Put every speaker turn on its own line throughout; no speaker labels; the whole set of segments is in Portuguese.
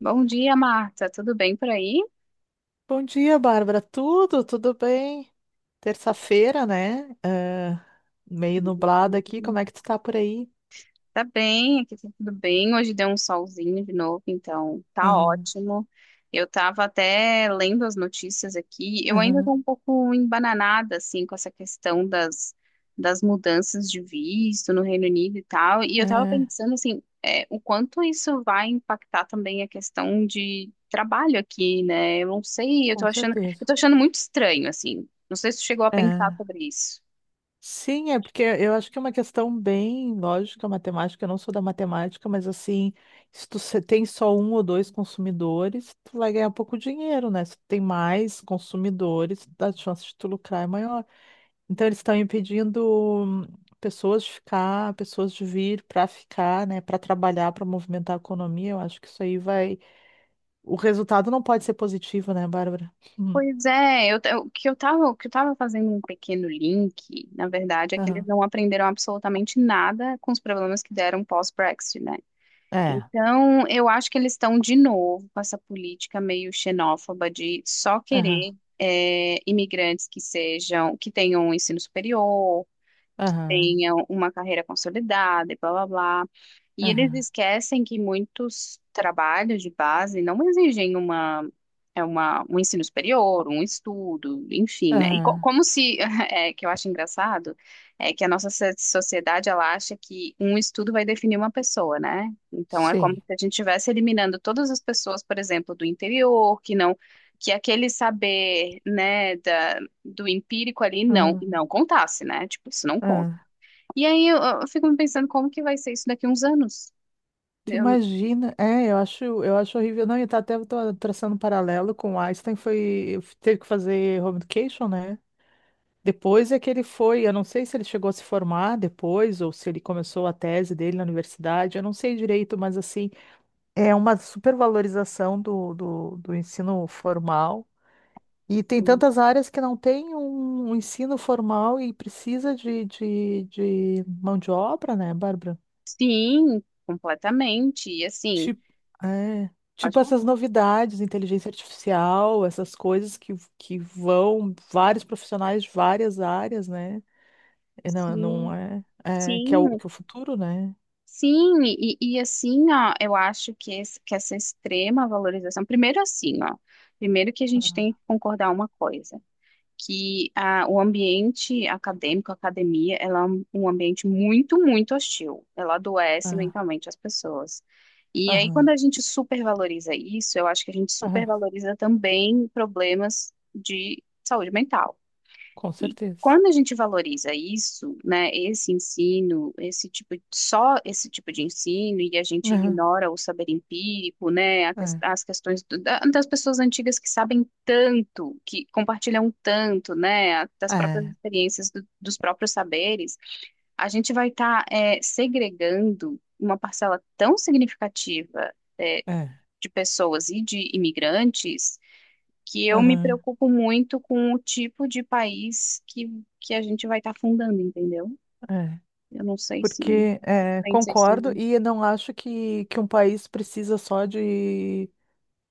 Bom dia, Marta. Tudo bem por aí?
Bom dia, Bárbara. Tudo bem? Terça-feira, né? Meio nublado aqui. Como é que tu tá por aí?
Tá bem, aqui tá tudo bem. Hoje deu um solzinho de novo, então tá
Aham,
ótimo. Eu tava até lendo as notícias aqui. Eu ainda tô
aham,
um pouco embananada, assim, com essa questão das mudanças de visto no Reino Unido e tal. E eu tava
é,
pensando, assim, o quanto isso vai impactar também a questão de trabalho aqui, né? Eu não sei,
com
eu
certeza.
tô achando muito estranho, assim. Não sei se tu chegou a pensar
É.
sobre isso.
Sim, é porque eu acho que é uma questão bem lógica, matemática. Eu não sou da matemática, mas assim, se tu se- tem só um ou dois consumidores, tu vai ganhar pouco dinheiro, né? Se tu tem mais consumidores, a chance de tu lucrar é maior. Então eles estão impedindo hum, pessoas de ficar, pessoas de vir para ficar, né, para trabalhar, para movimentar a economia. Eu acho que isso aí vai. O resultado não pode ser positivo, né, Bárbara? Hum.
Pois é, o que eu tava fazendo um pequeno link, na verdade, é que eles
Aham.
não aprenderam absolutamente nada com os problemas que deram pós-Brexit, né?
É.
Então, eu acho que eles estão de novo com essa política meio xenófoba de só
Aham.
querer imigrantes que tenham um ensino superior,
Aham.
tenha uma carreira consolidada e blá blá blá. E eles
Aham.
esquecem que muitos trabalhos de base não exigem um ensino superior, um estudo, enfim, né? E
Aham.
como se, é, que eu acho engraçado, é que a nossa sociedade, ela acha que um estudo vai definir uma pessoa, né? Então, é como se
Sim.
a gente estivesse eliminando todas as pessoas, por exemplo, do interior, que não, que aquele saber, né, do empírico ali
Aham.
não contasse, né? Tipo, isso não conta.
Aham.
E aí eu fico me pensando como que vai ser isso daqui a uns anos.
Tu
Eu-
imagina? É, eu acho horrível. Não, e tá até tô traçando um paralelo com o Einstein foi teve que fazer home education, né? Depois é que ele foi, eu não sei se ele chegou a se formar depois ou se ele começou a tese dele na universidade, eu não sei direito, mas assim, é uma supervalorização do ensino formal. E tem tantas áreas que não tem um ensino formal e precisa de mão de obra, né, Bárbara?
sim, completamente. E assim,
Tipo, é,
pode
tipo
falar?
essas novidades, inteligência artificial, essas coisas que vão vários profissionais de várias áreas, né? É, Não, é, não
Sim,
é, é que é
sim,
que é o futuro, né?
sim. E assim, ó, eu acho que, esse- que essa extrema valorização. Primeiro assim, ó. Primeiro que a gente tem que concordar uma coisa. O ambiente acadêmico, a academia, ela é um ambiente muito, muito hostil. Ela adoece
Ah,
mentalmente as pessoas. E aí, quando
aham,
a gente supervaloriza isso, eu acho que a gente
aham,
supervaloriza também problemas de saúde mental.
com
E
certeza.
quando a gente valoriza isso, né, esse ensino, só esse tipo de ensino, e a gente
Aham,
ignora o saber empírico, né,
é,
as questões das pessoas antigas que sabem tanto, que compartilham tanto, né, das próprias
é,
experiências, dos próprios saberes, a gente vai estar segregando uma parcela tão significativa. é,
é,
de pessoas e de imigrantes que eu me
aham,
preocupo muito com o tipo de país que a gente vai estar fundando, entendeu?
é.
Eu não sei se
Porque é,
pensa isso
concordo
também.
e eu não acho que um país precisa só de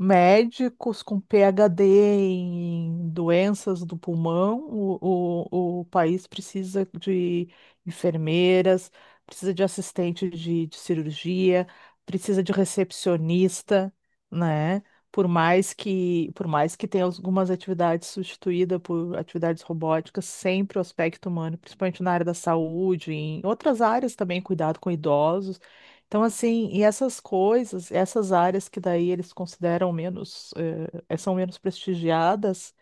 médicos com PhD em doenças do pulmão, o país precisa de enfermeiras, precisa de assistente de cirurgia, precisa de recepcionista, né? Por mais que tenha algumas atividades substituídas por atividades robóticas, sempre o aspecto humano, principalmente na área da saúde, em outras áreas também, cuidado com idosos. Então, assim, e essas coisas, essas áreas que daí eles consideram menos, são menos prestigiadas,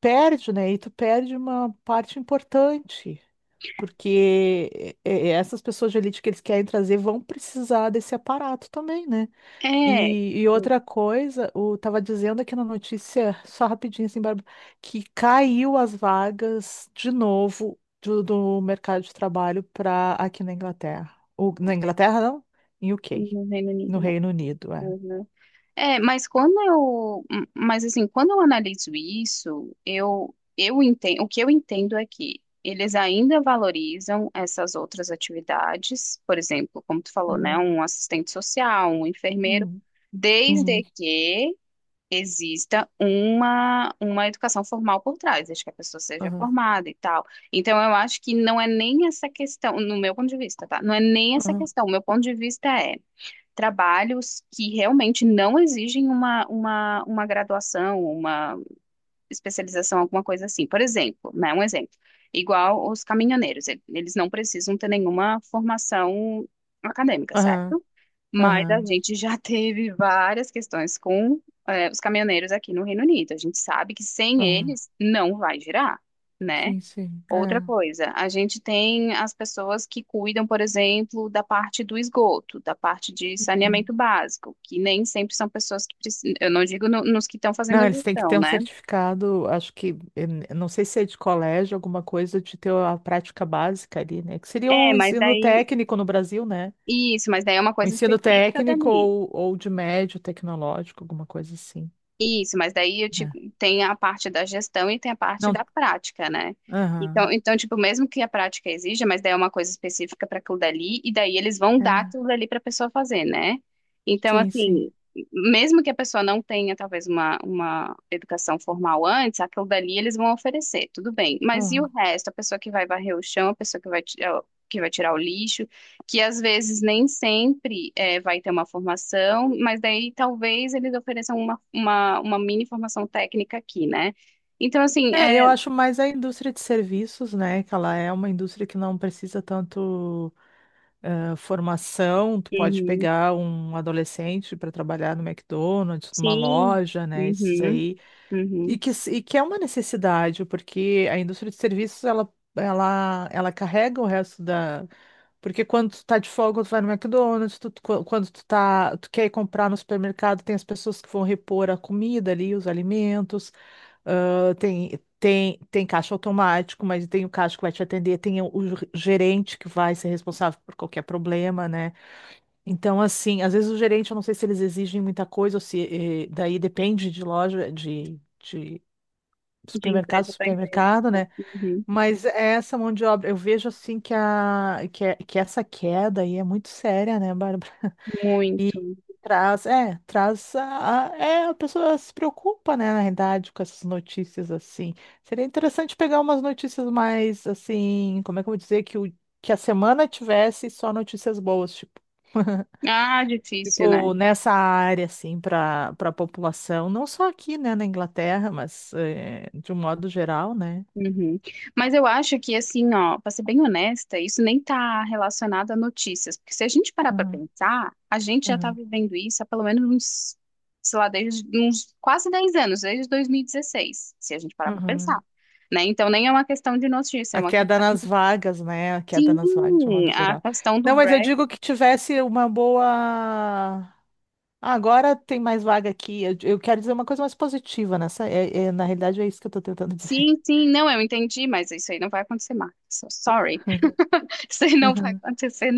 perde, né? E tu perde uma parte importante. Porque é, essas pessoas de elite que eles querem trazer vão precisar desse aparato também, né?
É,
E
no
outra coisa, o tava dizendo aqui na notícia, só rapidinho assim, Bárbara, que caiu as vagas de novo do mercado de trabalho para aqui na Inglaterra. Ou, na Inglaterra, não? Em UK,
no Reino
no
Unido, né?
Reino Unido, é.
Uhum. É, mas quando mas assim, quando eu analiso isso, eu entendo, o que eu entendo é que eles ainda valorizam essas outras atividades, por exemplo, como tu falou, né,
Aham.
um assistente social, um enfermeiro,
Uhum. Uhum.
desde que exista uma educação formal por trás, desde que a pessoa seja
Aham.
formada e tal. Então, eu acho que não é nem essa questão, no meu ponto de vista, tá? Não é nem essa
Aham.
questão. O meu ponto de vista é trabalhos que realmente não exigem uma graduação, uma especialização, alguma coisa assim. Por exemplo, né? Um exemplo. Igual os caminhoneiros, eles não precisam ter nenhuma formação acadêmica,
Aham.
certo? Mas a
Aham.
gente já teve várias questões com os caminhoneiros aqui no Reino Unido. A gente sabe que sem
Aham.
eles não vai girar, né?
Sim, sim.
Outra
É.
coisa, a gente tem as pessoas que cuidam, por exemplo, da parte do esgoto, da parte de saneamento
Uhum.
básico, que nem sempre são pessoas que precisam. Eu não digo nos que estão fazendo
Não,
a
eles têm que
gestão,
ter um
né?
certificado, acho que, não sei se é de colégio, alguma coisa, de ter a prática básica ali, né? Que seria
É,
o
mas
ensino
daí.
técnico no Brasil, né?
Isso, mas daí é uma
O
coisa
ensino
específica
técnico
dali.
ou de médio tecnológico, alguma coisa assim,
Isso, mas daí eu te,
né?
tem a parte da gestão e tem a parte da
Não,
prática, né? Então,
aham,
então, tipo, mesmo que a prática exija, mas daí é uma coisa específica para aquilo dali, e daí eles vão
é,
dar aquilo dali para a pessoa fazer, né? Então,
sim, sim,
assim, mesmo que a pessoa não tenha, talvez, uma educação formal antes, aquilo dali eles vão oferecer, tudo bem. Mas e o
aham.
resto? A pessoa que vai varrer o chão, a pessoa que vai, ti- que vai tirar o lixo, que às vezes nem sempre é, vai ter uma formação, mas daí talvez eles ofereçam uma mini formação técnica aqui, né? Então, assim,
É, eu
é,
acho mais a indústria de serviços, né? Que ela é uma indústria que não precisa tanto formação. Tu pode
uhum,
pegar um adolescente para trabalhar no McDonald's, numa
sim,
loja, né? Esses
uhum,
aí e
uhum,
que, e que é uma necessidade, porque a indústria de serviços, ela carrega o resto da… Porque quando tu tá de folga, tu vai no McDonald's, quando tu tá, tu quer ir comprar no supermercado, tem as pessoas que vão repor a comida ali, os alimentos, ah, tem caixa automático, mas tem o caixa que vai te atender, tem o gerente que vai ser responsável por qualquer problema, né? Então, assim, às vezes o gerente, eu não sei se eles exigem muita coisa, ou se daí depende de loja, de
de
supermercado,
empresa para empresa,
supermercado, né?
uhum,
Mas essa mão de obra, eu vejo assim que, que essa queda aí é muito séria, né, Bárbara?
muito.
E traz, é, a pessoa se preocupa, né, na realidade, com essas notícias assim. Seria interessante pegar umas notícias mais assim, como é que eu vou dizer, que a semana tivesse só notícias boas, tipo.
Ah, difícil, né?
Tipo, nessa área, assim, para para a população, não só aqui, né, na Inglaterra, mas de um modo geral, né?
Uhum. Mas eu acho que, assim, ó, para ser bem honesta, isso nem tá relacionado a notícias, porque se a gente parar para
Uhum,
pensar, a gente já tá
uhum,
vivendo isso há pelo menos uns, sei lá, desde uns quase 10 anos, desde 2016, se a gente parar para pensar,
uhum.
né? Então nem é uma questão de notícia, é
A
uma
queda
questão...
nas vagas, né? A queda nas vagas, de um
Sim,
modo
a
geral.
questão do
Não, mas eu
Brexit,
digo que tivesse uma boa. Ah, agora tem mais vaga aqui. Eu quero dizer uma coisa mais positiva nessa. Na realidade, é isso que eu estou tentando dizer.
sim, sim, não, eu entendi, mas isso aí não vai acontecer mais, so sorry, isso aí não vai
Uhum.
acontecer.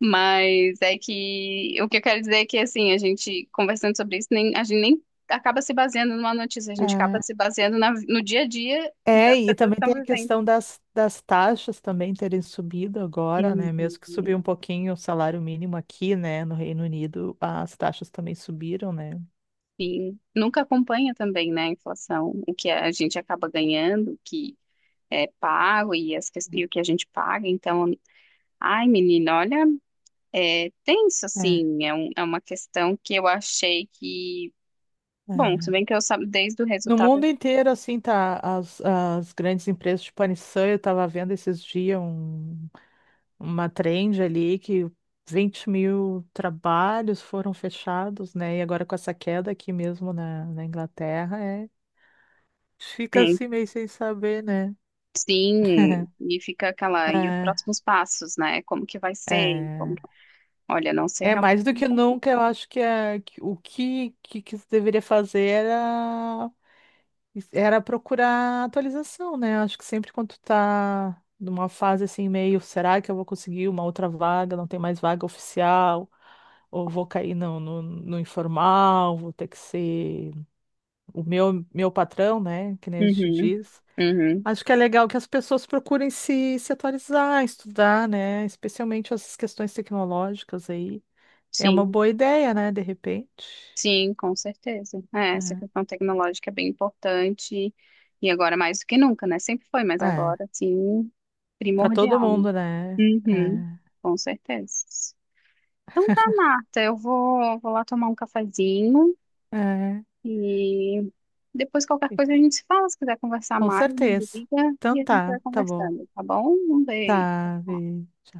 Mas é que o que eu quero dizer é que assim, a gente conversando sobre isso, nem, a gente nem acaba se baseando numa notícia, a gente acaba
É,
se baseando no dia a dia das
e
pessoas que
também
estão
tem a
vivendo.
questão das taxas também terem subido agora, né? Mesmo que
Uhum.
subiu um pouquinho o salário mínimo aqui, né? No Reino Unido, as taxas também subiram, né?
Sim. Nunca acompanha também, né, a inflação, o que a gente acaba ganhando, o que é pago e o que a gente paga. Então, ai, menina, olha, é tenso,
É,
assim, é uma questão que eu achei que, bom, se
é.
bem que eu sabe desde o
No
resultado.
mundo inteiro, assim, tá as grandes empresas, de a eu tava vendo esses dias uma trend ali que 20.000 trabalhos foram fechados, né? E agora com essa queda aqui mesmo na Inglaterra, é, fica
É,
assim meio sem saber, né?
Sim, e fica aquela, e os
É,
próximos passos, né? Como que vai ser? Como...
é,
Olha, não sei
é
realmente.
mais do que nunca, eu acho que, é, que o que, que se deveria fazer era era procurar atualização, né? Acho que sempre quando tu tá numa fase assim, meio, será que eu vou conseguir uma outra vaga? Não tem mais vaga oficial, ou vou cair no informal, vou ter que ser meu patrão, né? Que nem a gente
Uhum,
diz.
uhum,
Acho que é legal que as pessoas procurem se atualizar, estudar, né? Especialmente essas questões tecnológicas aí. É uma
sim,
boa ideia, né? De repente.
sim, com certeza. É, essa questão tecnológica é bem importante e agora mais do que nunca, né? Sempre foi, mas
É, é.
agora, sim,
Para todo
primordial, né?
mundo, né?
Uhum, com certeza. Então tá, Marta, vou lá tomar um cafezinho.
É,
E depois qualquer
é.
coisa a gente se fala, se quiser conversar
Com
mais, me
certeza.
liga
Então
e a gente
tá,
vai
tá bom.
conversando, tá bom? Um beijo.
Tá,
Tchau.
beijo.